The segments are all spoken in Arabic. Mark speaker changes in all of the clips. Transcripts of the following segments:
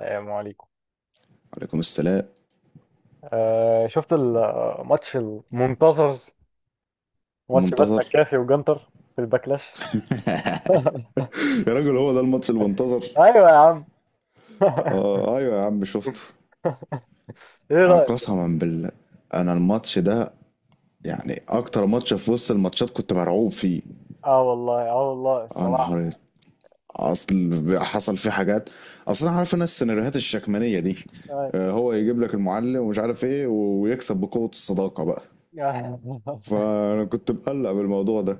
Speaker 1: السلام عليكم.
Speaker 2: عليكم السلام
Speaker 1: شفت الماتش المنتظر؟ ماتش بات
Speaker 2: المنتظر.
Speaker 1: مكافي وجنتر في الباكلاش.
Speaker 2: يا راجل هو ده الماتش المنتظر؟
Speaker 1: ايوه يا عم.
Speaker 2: آه ايوه يا عم شفته.
Speaker 1: ايه
Speaker 2: آه،
Speaker 1: رايك؟
Speaker 2: قسما بالله انا الماتش ده يعني اكتر ماتش في وسط الماتشات كنت مرعوب فيه.
Speaker 1: اه والله، اه والله
Speaker 2: يا نهار
Speaker 1: الصراحه.
Speaker 2: أسود. اصل حصل فيه حاجات، اصل انا عارف انا السيناريوهات الشكمانيه دي،
Speaker 1: آه.
Speaker 2: هو يجيب لك المعلم ومش عارف ايه ويكسب بقوه الصداقه بقى. فانا كنت مقلق بالموضوع ده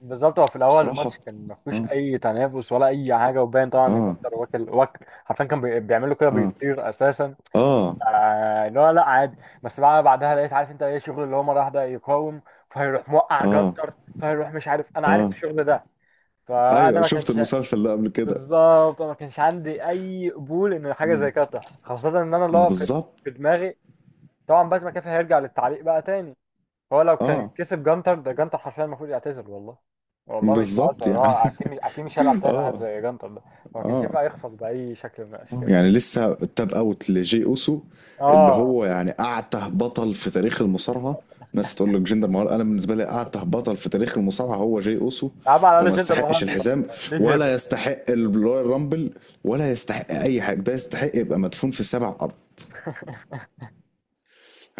Speaker 1: بالظبط، هو في الاول
Speaker 2: بصراحه.
Speaker 1: الماتش كان ما فيهوش
Speaker 2: اه،
Speaker 1: اي تنافس ولا اي حاجه، وباين طبعا ان
Speaker 2: اه،
Speaker 1: جنتر واكل واكل حرفيا، كان بيعملوا كده،
Speaker 2: اه،
Speaker 1: بيطير اساسا.
Speaker 2: اه،
Speaker 1: آه لا لا عادي. بس بقى بعدها لقيت، عارف انت ايه شغل اللي هو مره واحده يقاوم، فهيروح موقع
Speaker 2: اه،
Speaker 1: جنتر فهيروح مش عارف، انا عارف
Speaker 2: اه،
Speaker 1: الشغل ده. فانا
Speaker 2: ايوه
Speaker 1: ما
Speaker 2: شفت
Speaker 1: كانش،
Speaker 2: المسلسل ده قبل كده.
Speaker 1: بالظبط أنا ما كانش عندي اي قبول ان حاجه زي كده تحصل، خاصه ان انا اللي
Speaker 2: ما
Speaker 1: هو في
Speaker 2: بالظبط.
Speaker 1: في دماغي طبعا باتمان كافي هيرجع للتعليق بقى تاني. هو لو كان
Speaker 2: اه
Speaker 1: كسب جانتر، ده جانتر حرفيا المفروض يعتزل والله. والله مش
Speaker 2: بالظبط
Speaker 1: بهزر،
Speaker 2: يعني.
Speaker 1: هو اكيد، مش اكيد مش هيلعب تاني واحد
Speaker 2: اه.
Speaker 1: زي جانتر ده. هو ما كانش
Speaker 2: اه.
Speaker 1: ينفع يخسر باي شكل من
Speaker 2: آه.
Speaker 1: الاشكال.
Speaker 2: يعني لسه التاب اوت لجي اوسو، اللي
Speaker 1: اه
Speaker 2: هو يعني اعته بطل في تاريخ المصارعه. ناس تقول لك جندر مهال، انا بالنسبه لي اعته بطل في تاريخ المصارعه هو جي اوسو.
Speaker 1: يا عم على
Speaker 2: وما
Speaker 1: الاقل جنتر
Speaker 2: يستحقش
Speaker 1: مان
Speaker 2: الحزام،
Speaker 1: ليه هيبه.
Speaker 2: ولا يستحق الرويال رامبل، ولا يستحق اي حاجه، ده يستحق يبقى مدفون في سبع ارض.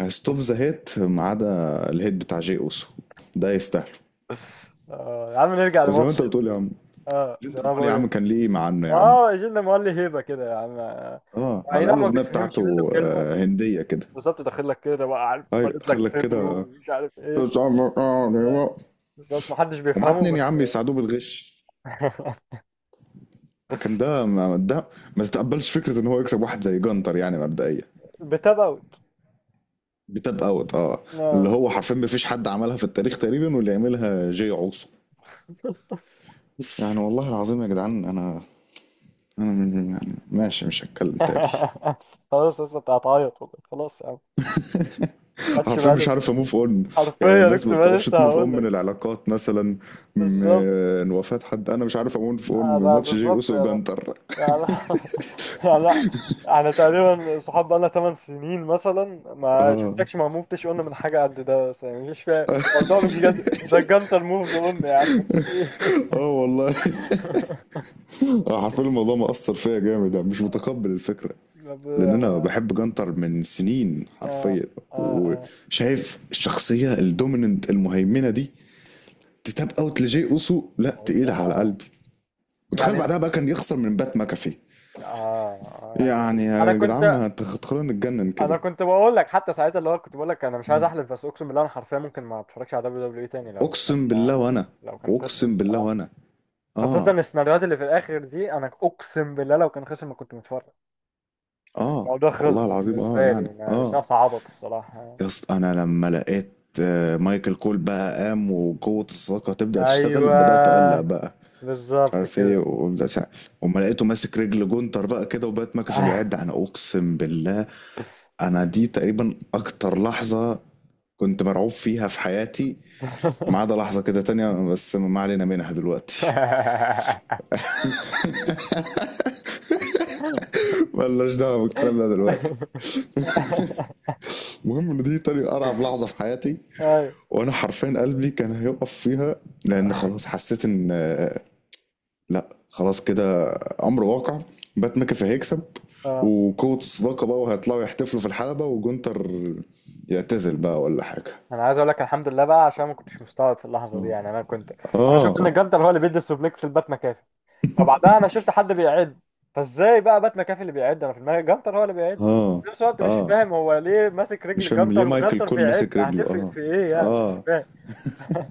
Speaker 2: ستوب ذا هيت ما عدا الهيت بتاع جي اوسو، ده يستاهله.
Speaker 1: آه يا عم نرجع
Speaker 2: وزي ما انت
Speaker 1: لماتش.
Speaker 2: بتقول يا عم،
Speaker 1: اه زي
Speaker 2: جندر
Speaker 1: ما أنا
Speaker 2: مهال يا
Speaker 1: بقول
Speaker 2: عم
Speaker 1: ايه،
Speaker 2: كان ليه ايه مع عنه يا عم.
Speaker 1: اه جنتر مان ليه هيبه كده يا عم.
Speaker 2: اه
Speaker 1: اي
Speaker 2: على الاقل
Speaker 1: نعم ما
Speaker 2: الاغنيه
Speaker 1: بتفهمش منه
Speaker 2: بتاعته
Speaker 1: كلمه، بس
Speaker 2: هنديه كده.
Speaker 1: بالظبط داخل لك كده بقى، عارف،
Speaker 2: ايوه
Speaker 1: فارد
Speaker 2: دخل
Speaker 1: لك
Speaker 2: لك
Speaker 1: صدره
Speaker 2: كده
Speaker 1: ومش عارف ايه. ف-
Speaker 2: ومعاه
Speaker 1: بالظبط ما حدش بيفهمه
Speaker 2: اتنين يا
Speaker 1: بس.
Speaker 2: عم يساعدوه بالغش. كان ده ما ده، ما تتقبلش فكره ان هو يكسب واحد زي جانتر يعني مبدئيا.
Speaker 1: بتبوت.
Speaker 2: بتاب اوت، اه، اللي
Speaker 1: آه.
Speaker 2: هو حرفيا ما فيش حد عملها في التاريخ تقريبا، واللي يعملها جاي عوصو. يعني والله العظيم يا جدعان انا، يعني ماشي مش هتكلم تاني.
Speaker 1: خلاص لسه انت هتعيط والله، خلاص يا عم. ما خدش
Speaker 2: حرفيا مش
Speaker 1: باله.
Speaker 2: عارف اموف اون. يعني
Speaker 1: حرفيا
Speaker 2: الناس ما
Speaker 1: اقسم بالله
Speaker 2: بتعرفش
Speaker 1: لسه
Speaker 2: تموف اون
Speaker 1: هقول
Speaker 2: من
Speaker 1: لك.
Speaker 2: العلاقات مثلا،
Speaker 1: بالظبط،
Speaker 2: من وفاة حد، انا مش عارف اموف اون من
Speaker 1: انا
Speaker 2: ماتش جي
Speaker 1: بالظبط،
Speaker 2: اوسو
Speaker 1: يعني
Speaker 2: وجانتر.
Speaker 1: يعني لا، احنا تقريبا صحاب بقالنا 8 سنين مثلا، ما شفتكش، ما موفتش قلنا من حاجه قد ده، بس يعني مش فاهم الموضوع، مش جد ده، الجنطه الموف ده قلنا يا عم. ايه؟
Speaker 2: اه والله. حرفيا الموضوع مأثر فيا جامد، أنا مش متقبل الفكرة،
Speaker 1: طب
Speaker 2: لان
Speaker 1: يا
Speaker 2: انا
Speaker 1: ما.
Speaker 2: بحب جانتر من سنين
Speaker 1: اه.
Speaker 2: حرفيا.
Speaker 1: اه.
Speaker 2: وشايف الشخصية الدوميننت المهيمنة دي تتاب اوت لجي اوسو، لا
Speaker 1: اه بس
Speaker 2: تقيلة على
Speaker 1: اه.
Speaker 2: قلبي. وتخيل
Speaker 1: يعني
Speaker 2: بعدها بقى كان يخسر من بات ماكافي.
Speaker 1: اه يعني
Speaker 2: يعني
Speaker 1: انا
Speaker 2: يا جدعان
Speaker 1: كنت
Speaker 2: ما هتخلونا نتجنن
Speaker 1: انا
Speaker 2: كده.
Speaker 1: كنت بقول لك حتى ساعتها، اللي هو كنت بقول لك انا مش عايز احلف، بس اقسم بالله انا حرفيا ممكن ما اتفرجش على دبليو دبليو اي تاني لو
Speaker 2: اقسم
Speaker 1: كان،
Speaker 2: بالله وانا.
Speaker 1: لو كان خسر
Speaker 2: اقسم بالله
Speaker 1: الصراحه.
Speaker 2: وانا. اه.
Speaker 1: خاصة السيناريوهات اللي في الآخر دي، أنا أقسم بالله لو كان خسر ما كنت متفرج.
Speaker 2: اه
Speaker 1: الموضوع
Speaker 2: والله
Speaker 1: خلص
Speaker 2: العظيم اه
Speaker 1: بالنسبة لي،
Speaker 2: يعني
Speaker 1: أنا مش
Speaker 2: اه.
Speaker 1: ناقص عبط الصراحة.
Speaker 2: يا اسطى انا لما لقيت مايكل كول بقى قام وقوة الصداقة تبدأ تشتغل،
Speaker 1: أيوه،
Speaker 2: بدأت أقلق بقى. مش
Speaker 1: بالظبط
Speaker 2: عارف ايه
Speaker 1: كده.
Speaker 2: وبدأت، وما لقيته ماسك رجل جونتر بقى كده وبقت مكفى بيعد، انا اقسم بالله انا دي تقريبا اكتر لحظة كنت مرعوب فيها في حياتي، ما عدا لحظة كده تانية بس ما علينا منها دلوقتي. ملناش دعوة بالكلام ده دلوقتي. المهم ان دي تاني ارعب لحظه في حياتي،
Speaker 1: أيوة.
Speaker 2: وانا حرفيا قلبي كان هيقف فيها. لان خلاص حسيت ان لا خلاص كده، امر واقع، بات ميكافي هيكسب
Speaker 1: اه،
Speaker 2: وقوه الصداقه بقى، وهيطلعوا يحتفلوا في الحلبه وجونتر يعتزل بقى ولا حاجه.
Speaker 1: انا عايز اقول لك الحمد لله بقى، عشان ما كنتش مستوعب في اللحظه دي،
Speaker 2: اه.
Speaker 1: يعني انا كنت، انا
Speaker 2: اه.
Speaker 1: شفت ان الجدل هو اللي بيدي السوبلكس لبات مكافي، فبعدها انا شفت حد بيعد، فازاي بقى بات مكافي اللي بيعد، انا في دماغي جنتر هو اللي بيعد.
Speaker 2: اه.
Speaker 1: في نفس الوقت مش
Speaker 2: اه
Speaker 1: فاهم هو ليه ماسك
Speaker 2: مش
Speaker 1: رجل
Speaker 2: فاهم ليه
Speaker 1: جنتر
Speaker 2: مايكل
Speaker 1: وجنتر
Speaker 2: كول
Speaker 1: بيعد،
Speaker 2: ماسك رجله،
Speaker 1: هتفرق
Speaker 2: اه.
Speaker 1: في ايه يعني، مش
Speaker 2: اه.
Speaker 1: فاهم.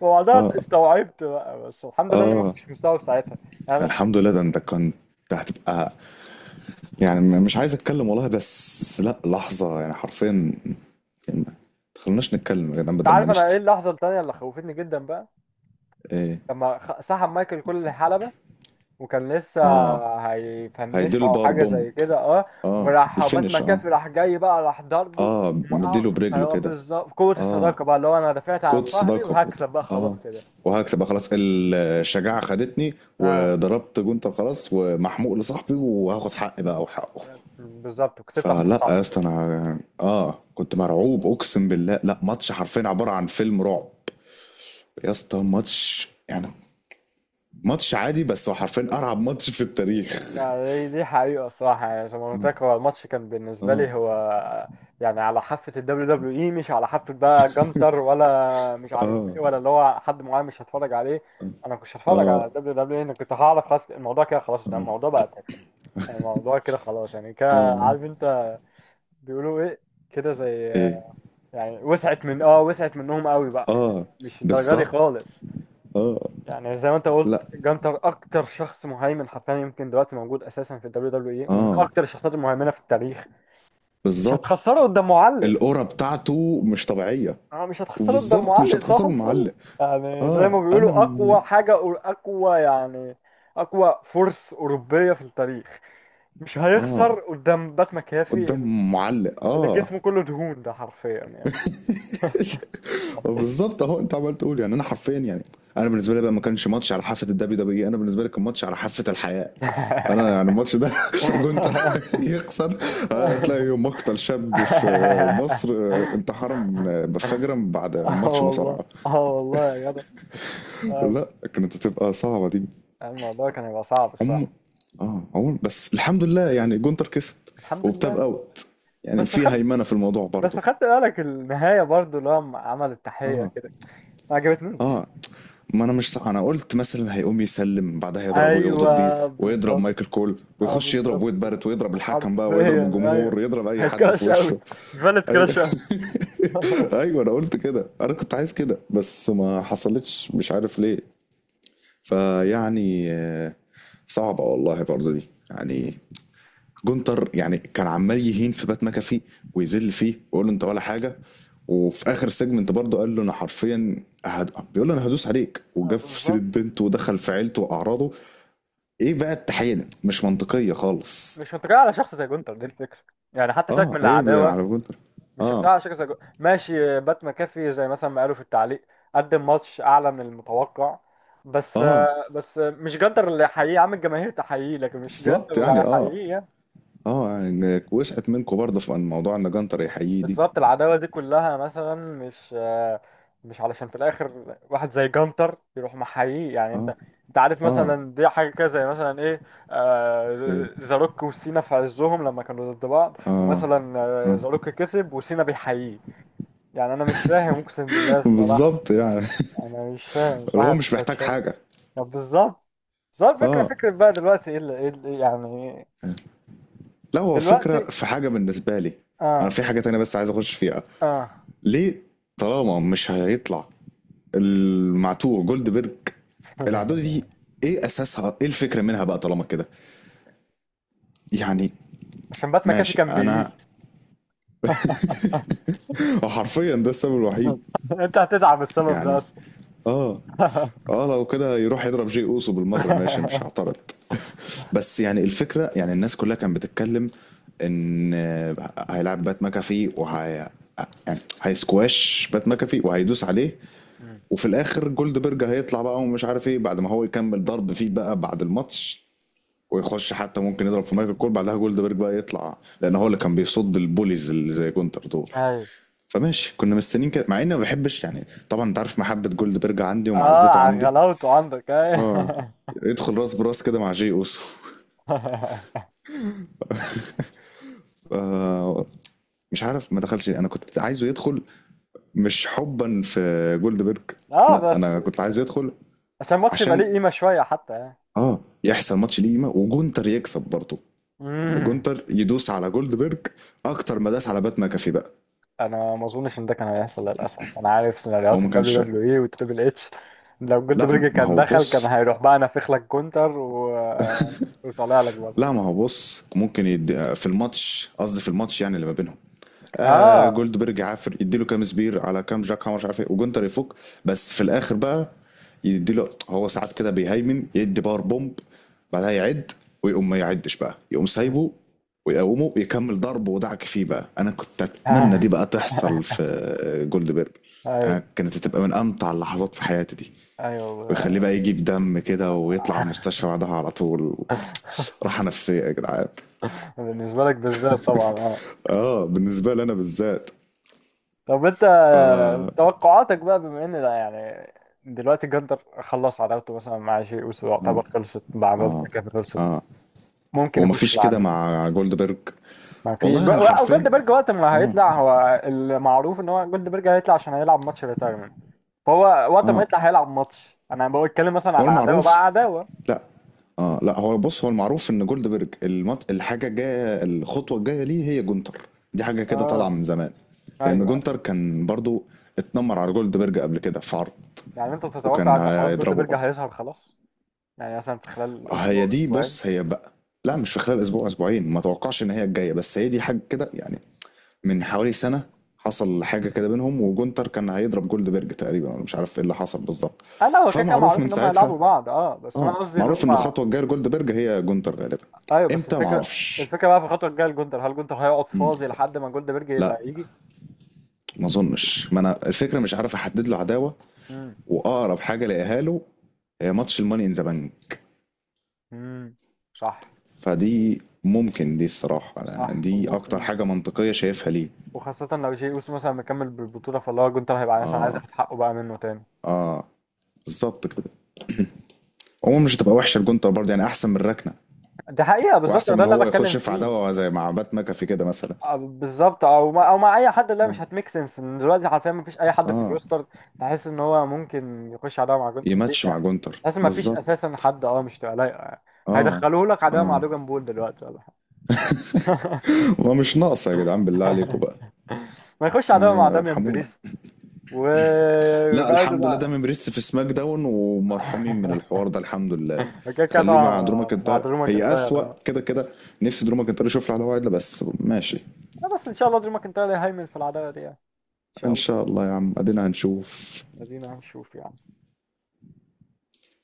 Speaker 1: وبعدها استوعبت بقى، بس الحمد لله انا ما
Speaker 2: اه.
Speaker 1: كنتش مستوعب ساعتها. يعني انا،
Speaker 2: الحمد لله، ده انت كنت هتبقى، يعني مش عايز اتكلم والله بس لا لحظة يعني حرفيا كلمة. تخلوناش نتكلم يا جدعان
Speaker 1: انت
Speaker 2: بدل ما
Speaker 1: عارف انا
Speaker 2: نشتم.
Speaker 1: ايه اللحظه التانيه اللي خوفتني جدا بقى؟
Speaker 2: ايه.
Speaker 1: لما سحب مايكل كل الحلبه، وكان لسه
Speaker 2: اه
Speaker 1: هيفنشه
Speaker 2: هيديله
Speaker 1: او
Speaker 2: الباور
Speaker 1: حاجه
Speaker 2: بومب.
Speaker 1: زي كده اه،
Speaker 2: اه
Speaker 1: وراح بات
Speaker 2: الفينش اه.
Speaker 1: مكافي راح جاي بقى راح ضربه
Speaker 2: اه
Speaker 1: وموقعه.
Speaker 2: مديله برجله
Speaker 1: ايوه
Speaker 2: كده.
Speaker 1: بالظبط، قوه
Speaker 2: اه.
Speaker 1: الصداقه بقى، اللي هو انا دافعت عن
Speaker 2: كوت
Speaker 1: صاحبي
Speaker 2: صداقة برضه.
Speaker 1: وهكسب بقى
Speaker 2: اه.
Speaker 1: خلاص كده.
Speaker 2: وهكسب بقى خلاص الشجاعة خدتني
Speaker 1: اه
Speaker 2: وضربت جونتر خلاص، ومحموق لصاحبي وهاخد حقي بقى وحقه.
Speaker 1: بالظبط، وكسبت عشان
Speaker 2: فلا يا
Speaker 1: صاحبي.
Speaker 2: اسطى انا اه كنت مرعوب اقسم بالله، لا ماتش حرفيا عبارة عن فيلم رعب. يا اسطى ماتش يعني، ماتش عادي بس هو حرفيا ارعب ماتش في التاريخ.
Speaker 1: لا، دي دي حقيقه الصراحه، يعني زي ما قلت لك، هو الماتش كان بالنسبه
Speaker 2: اه.
Speaker 1: لي هو يعني على حافه الدبليو دبليو اي، مش على حافه بقى جنتر ولا مش عارف ايه ولا اللي هو حد معين مش هتفرج عليه. انا مش هتفرج على الدبليو دبليو اي، انا كنت هعرف خلاص الموضوع كده خلاص، ده الموضوع بقى تافه، الموضوع كده خلاص. يعني كده عارف انت بيقولوا ايه، كده زي
Speaker 2: ايه
Speaker 1: يعني، وسعت من، اه وسعت منهم قوي بقى يعني،
Speaker 2: اه.
Speaker 1: مش الدرجه دي
Speaker 2: بالظبط.
Speaker 1: خالص. يعني زي ما انت قلت،
Speaker 2: لا
Speaker 1: جانتر اكتر شخص مهيمن حرفيا يمكن دلوقتي موجود اساسا في الدبليو دبليو اي، ومن
Speaker 2: اه
Speaker 1: اكتر الشخصيات المهيمنه في التاريخ. مش هتخسره
Speaker 2: بالظبط،
Speaker 1: قدام معلق.
Speaker 2: القرى بتاعته مش طبيعية.
Speaker 1: اه مش هتخسره قدام
Speaker 2: وبالظبط مش
Speaker 1: معلق، صح
Speaker 2: هتخسره
Speaker 1: الفل.
Speaker 2: معلق.
Speaker 1: يعني زي
Speaker 2: اه
Speaker 1: ما
Speaker 2: انا
Speaker 1: بيقولوا
Speaker 2: من.
Speaker 1: اقوى حاجه، اقوى يعني، اقوى فرس اوروبيه في التاريخ، مش
Speaker 2: اه
Speaker 1: هيخسر قدام بات مكافي
Speaker 2: قدام معلق
Speaker 1: اللي
Speaker 2: اه.
Speaker 1: جسمه كله دهون ده، حرفيا يعني.
Speaker 2: بالظبط اهو انت عمال تقول يعني انا حرفيا يعني، انا بالنسبه لي بقى ما كانش ماتش على حافه الدبليو دبليو اي، انا بالنسبه لي كان ماتش على حافه الحياه. انا يعني الماتش ده جونتر يخسر، هتلاقي مقتل شاب في مصر، انتحر من بفجرة بعد
Speaker 1: اه
Speaker 2: ماتش
Speaker 1: والله
Speaker 2: مصارعه.
Speaker 1: اه والله يا جدع. آه،
Speaker 2: لا كانت هتبقى صعبة دي.
Speaker 1: الموضوع كان هيبقى صعب
Speaker 2: عم.
Speaker 1: الصراحة.
Speaker 2: اه عموما بس الحمد لله يعني جونتر كسب
Speaker 1: الحمد
Speaker 2: وبتاب
Speaker 1: لله.
Speaker 2: اوت، يعني
Speaker 1: بس
Speaker 2: في
Speaker 1: خدت،
Speaker 2: هيمنة في الموضوع
Speaker 1: بس
Speaker 2: برضه.
Speaker 1: خدت بالك النهاية برضو لما عمل التحية
Speaker 2: اه.
Speaker 1: كده؟ ما عجبتنيش.
Speaker 2: اه. ما انا مش صح. انا قلت مثلا هيقوم يسلم بعدها يضربه ويغدر بيه،
Speaker 1: ايوه
Speaker 2: ويضرب
Speaker 1: بالظبط.
Speaker 2: مايكل كول
Speaker 1: اه
Speaker 2: ويخش يضرب
Speaker 1: بالظبط
Speaker 2: ويد
Speaker 1: كده،
Speaker 2: بارت ويضرب الحكم بقى ويضرب
Speaker 1: حرفيا
Speaker 2: الجمهور
Speaker 1: ايوه،
Speaker 2: ويضرب اي
Speaker 1: هي
Speaker 2: حد في
Speaker 1: كراش اوت،
Speaker 2: وشه.
Speaker 1: فالت
Speaker 2: ايوه.
Speaker 1: كراش اوت.
Speaker 2: ايوه انا قلت كده، انا كنت عايز كده بس ما حصلتش مش عارف ليه. فيعني صعبة والله برضه دي. يعني جونتر يعني كان عمال يهين في بات مكافي ويذل فيه ويقول له انت ولا حاجه. وفي اخر سيجمنت برضه قال له انا حرفيا هد... بيقول له انا هدوس عليك،
Speaker 1: آه،
Speaker 2: وجاب في سيره
Speaker 1: بالظبط،
Speaker 2: بنته ودخل في عيلته واعراضه. ايه بقى التحيه دي مش منطقيه خالص.
Speaker 1: مش منطقية على شخص زي جونتر دي الفكرة. يعني حتى سيبك
Speaker 2: اه
Speaker 1: من
Speaker 2: هي
Speaker 1: العداوة،
Speaker 2: على جونتر.
Speaker 1: مش شخصية
Speaker 2: اه.
Speaker 1: على شخص زي جونتر. ماشي بات مكافي زي مثلا ما قالوا في التعليق قدم ماتش أعلى من المتوقع، بس،
Speaker 2: اه.
Speaker 1: بس مش جونتر اللي هيحييه يا عم. الجماهير تحييه، لكن مش
Speaker 2: بالظبط
Speaker 1: جونتر اللي
Speaker 2: يعني اه.
Speaker 1: هيحييه.
Speaker 2: اه يعني وسعت منكم برضه في الموضوع ان جنتر يحييه دي.
Speaker 1: بالظبط العداوة دي كلها مثلا مش آه، مش علشان في الآخر واحد زي جانتر يروح محييه. يعني
Speaker 2: اه.
Speaker 1: أنت، أنت عارف
Speaker 2: اه.
Speaker 1: مثلا دي حاجة كده زي مثلا إيه، آه،
Speaker 2: إيه.
Speaker 1: زاروك وسينا في عزهم لما كانوا ضد بعض،
Speaker 2: اه.
Speaker 1: ومثلا آه، زاروك كسب وسينا بيحييه. يعني أنا مش فاهم أقسم بالله الصراحة.
Speaker 2: بالظبط يعني.
Speaker 1: أنا مش فاهم،
Speaker 2: اللي
Speaker 1: صح
Speaker 2: هو مش محتاج
Speaker 1: بتتشال.
Speaker 2: حاجه.
Speaker 1: طب بالظبط، بالظبط فكرة
Speaker 2: اه.
Speaker 1: فكرة بقى دلوقتي إيه اللي، يعني
Speaker 2: لا هو فكرة
Speaker 1: دلوقتي
Speaker 2: في حاجة بالنسبة لي، أنا
Speaker 1: آه،
Speaker 2: في حاجة تانية بس عايز أخش فيها.
Speaker 1: آه.
Speaker 2: ليه طالما مش هيطلع المعتوه جولدبرج العدوة دي إيه أساسها، إيه الفكرة منها بقى طالما كده يعني؟
Speaker 1: عشان بات مكافي
Speaker 2: ماشي
Speaker 1: كان
Speaker 2: أنا.
Speaker 1: بييت.
Speaker 2: حرفيا ده السبب الوحيد.
Speaker 1: انت هتدعم السبب ده
Speaker 2: يعني
Speaker 1: اصلا؟
Speaker 2: آه. اه لو كده يروح يضرب جي اوسو بالمره ماشي مش هعترض. بس يعني الفكره، يعني الناس كلها كانت بتتكلم ان هيلعب بات ماكافي وهي، يعني هيسكواش بات ماكافي وهيدوس عليه،
Speaker 1: مم.
Speaker 2: وفي الاخر جولد بيرج هيطلع بقى ومش عارف ايه بعد ما هو يكمل ضرب فيه بقى بعد الماتش، ويخش حتى ممكن يضرب في مايكل كول بعدها جولد بيرج بقى يطلع، لان هو اللي كان بيصد البوليز اللي زي جونتر دول.
Speaker 1: ايوه.
Speaker 2: فماشي كنا مستنيين كده، مع اني ما بحبش يعني طبعا انت عارف محبه جولد بيرج عندي
Speaker 1: اه
Speaker 2: ومعزته
Speaker 1: على
Speaker 2: عندي،
Speaker 1: غلاوته عندك،
Speaker 2: اه،
Speaker 1: ايوه.
Speaker 2: يدخل راس براس كده مع جي اوسو. آه مش عارف ما دخلش، انا كنت عايزه يدخل، مش حبا في جولدبرج،
Speaker 1: اه
Speaker 2: لا
Speaker 1: بس
Speaker 2: انا كنت عايزه يدخل
Speaker 1: عشان الماتش يبقى ليه
Speaker 2: عشان
Speaker 1: قيمه شويه حتى يعني.
Speaker 2: اه يحصل ماتش ليما وجونتر يكسب برضه. يعني
Speaker 1: مم.
Speaker 2: جونتر يدوس على جولدبرج اكتر ما داس على بات ماكافي بقى.
Speaker 1: انا ما اظنش ان ده كان هيحصل للاسف، انا عارف
Speaker 2: هو
Speaker 1: سيناريوهات
Speaker 2: ما كانش،
Speaker 1: الدبليو دبليو اي والتريبل اتش. لو جولد
Speaker 2: لا
Speaker 1: برج
Speaker 2: ما
Speaker 1: كان
Speaker 2: هو
Speaker 1: دخل كان
Speaker 2: بص،
Speaker 1: هيروح بقى نافخ لك كونتر و... وطالع لك
Speaker 2: لا
Speaker 1: برضه.
Speaker 2: ما هو بص ممكن يدي في الماتش، قصدي في الماتش يعني اللي ما بينهم، آه
Speaker 1: اه.
Speaker 2: جولدبرج عافر يديله كام سبير على كام جاك هامر مش عارف ايه وجونتر يفك. بس في الاخر بقى يديله هو ساعات كده بيهيمن، يدي باور بومب بعدها يعد، ويقوم ما يعدش بقى يقوم
Speaker 1: مم.
Speaker 2: سايبه، ويقومه يكمل ضربه ودعك فيه بقى. انا كنت اتمنى دي بقى تحصل في جولدبرج.
Speaker 1: ايوه.
Speaker 2: انا كانت هتبقى من امتع اللحظات في حياتي دي،
Speaker 1: ايوه.
Speaker 2: ويخليه بقى يجي بدم كده ويطلع المستشفى بعدها على طول. راحة نفسية يا جدعان.
Speaker 1: بالنسبه لك بالذات طبعا آه.
Speaker 2: اه بالنسبة لي انا بالذات.
Speaker 1: طب انت،
Speaker 2: ف...
Speaker 1: توقعاتك بقى بما ان ده يعني، دلوقتي جندر خلص عداوته مثلا مع شيء اوسو، يعتبر خلصت مع بالتر كانت خلصت، ممكن يخش
Speaker 2: ومفيش
Speaker 1: مع
Speaker 2: كده
Speaker 1: مين؟
Speaker 2: مع جولدبرج.
Speaker 1: ما في
Speaker 2: والله
Speaker 1: جو...
Speaker 2: انا
Speaker 1: او
Speaker 2: حرفين.
Speaker 1: جولدبرج، وقت ما هيطلع، هو المعروف ان هو جولدبرج هيطلع عشان هيلعب ماتش ريتايرمنت، فهو وقت ما
Speaker 2: اه
Speaker 1: يطلع هيلعب ماتش. انا بتكلم مثلا
Speaker 2: هو
Speaker 1: على عداوه بقى،
Speaker 2: المعروف.
Speaker 1: عداوه.
Speaker 2: لا، اه لا هو بص، هو المعروف ان جولدبرج الحاجة الجاية، الخطوة الجاية ليه هي جونتر، دي حاجة كده طالعة
Speaker 1: اه
Speaker 2: من زمان. لان
Speaker 1: ايوه،
Speaker 2: جونتر كان برضو اتنمر على جولدبرج قبل كده في عرض،
Speaker 1: يعني انت تتوقع
Speaker 2: وكان
Speaker 1: ان خلاص
Speaker 2: هيضربه
Speaker 1: جولدبرج
Speaker 2: برضو.
Speaker 1: هيظهر خلاص، يعني مثلا في خلال
Speaker 2: هي
Speaker 1: اسبوع
Speaker 2: دي
Speaker 1: اسبوعين.
Speaker 2: بص هي بقى، لا مش في خلال اسبوع اسبوعين ما توقعش ان هي الجايه، بس هي دي حاجه كده يعني. من حوالي سنه حصل حاجه كده بينهم وجونتر كان هيضرب جولدبرج تقريبا، انا مش عارف ايه اللي حصل بالظبط.
Speaker 1: اه لا، هو كده كده
Speaker 2: فمعروف
Speaker 1: معروف
Speaker 2: من
Speaker 1: ان هم
Speaker 2: ساعتها،
Speaker 1: هيلعبوا بعض، اه بس انا
Speaker 2: اه،
Speaker 1: قصدي اللي
Speaker 2: معروف ان
Speaker 1: هم،
Speaker 2: الخطوه الجايه لجولدبرج هي جونتر غالبا.
Speaker 1: ايوه بس
Speaker 2: امتى
Speaker 1: الفكره،
Speaker 2: معرفش.
Speaker 1: الفكره بقى في الخطوه الجايه لجندر، هل جندر هيقعد
Speaker 2: مم.
Speaker 1: فاضي لحد ما جولدبرج
Speaker 2: لا
Speaker 1: يبقى يجي؟
Speaker 2: ما اظنش، ما انا الفكره مش عارف احدد له عداوه،
Speaker 1: امم.
Speaker 2: واقرب حاجه لاقيها له هي ماتش الماني ان ذا بانك،
Speaker 1: امم. صح.
Speaker 2: فدي ممكن، دي الصراحه أنا
Speaker 1: صح
Speaker 2: دي اكتر
Speaker 1: وممكن،
Speaker 2: حاجه منطقيه شايفها ليه.
Speaker 1: وخاصه لو جي اوسو مثلا مكمل بالبطوله، فاللي هو جندر هيبقى مثلا عايز ياخد حقه بقى منه تاني.
Speaker 2: بالظبط كده. عموما مش هتبقى وحشه الجونتا برضه يعني احسن من الركنه،
Speaker 1: دي حقيقه، بالظبط
Speaker 2: واحسن
Speaker 1: ده
Speaker 2: من
Speaker 1: اللي أنا
Speaker 2: هو
Speaker 1: بتكلم
Speaker 2: يخش في
Speaker 1: فيه.
Speaker 2: عداوه زي مع بات ماكافي كده مثلا.
Speaker 1: آه، بالظبط، او ما او مع اي حد، اللي هي
Speaker 2: اه.
Speaker 1: مش هتميك سنس ان دلوقتي حرفيا ما فيش اي حد في
Speaker 2: اه.
Speaker 1: الروستر تحس ان هو ممكن يخش عداوه مع جندر
Speaker 2: يماتش مع
Speaker 1: يعني،
Speaker 2: جونتر
Speaker 1: تحس ما فيش اساسا
Speaker 2: بالظبط.
Speaker 1: حد، اه مش تبقى لايقه يعني.
Speaker 2: اه.
Speaker 1: هيدخلوه لك عداوه مع
Speaker 2: اه
Speaker 1: دوجان بول دلوقتي ولا حاجه؟
Speaker 2: ومش ناقصه يا جدعان بالله عليكم بقى.
Speaker 1: ما يخش عداوة
Speaker 2: يعني
Speaker 1: مع داميان
Speaker 2: ارحمونا.
Speaker 1: بريست
Speaker 2: لا
Speaker 1: ويبعدوا
Speaker 2: الحمد لله دايما
Speaker 1: بقى.
Speaker 2: بريست في سماك داون ومرحومين من الحوار ده الحمد لله.
Speaker 1: كده كده
Speaker 2: خليه
Speaker 1: طبعا
Speaker 2: مع درو
Speaker 1: مع، مع
Speaker 2: ماكنتاير،
Speaker 1: درو
Speaker 2: هي
Speaker 1: ماكنتاير
Speaker 2: اسوأ
Speaker 1: آه،
Speaker 2: كده كده. نفسي درو ماكنتاير يشوف له عداوه عدله بس ماشي.
Speaker 1: بس ان شاء الله درو ماكنتاير هيهيمن في العداوة دي يعني. ان شاء
Speaker 2: ان
Speaker 1: الله.
Speaker 2: شاء الله يا عم ادينا هنشوف.
Speaker 1: ادينا هنشوف يعني.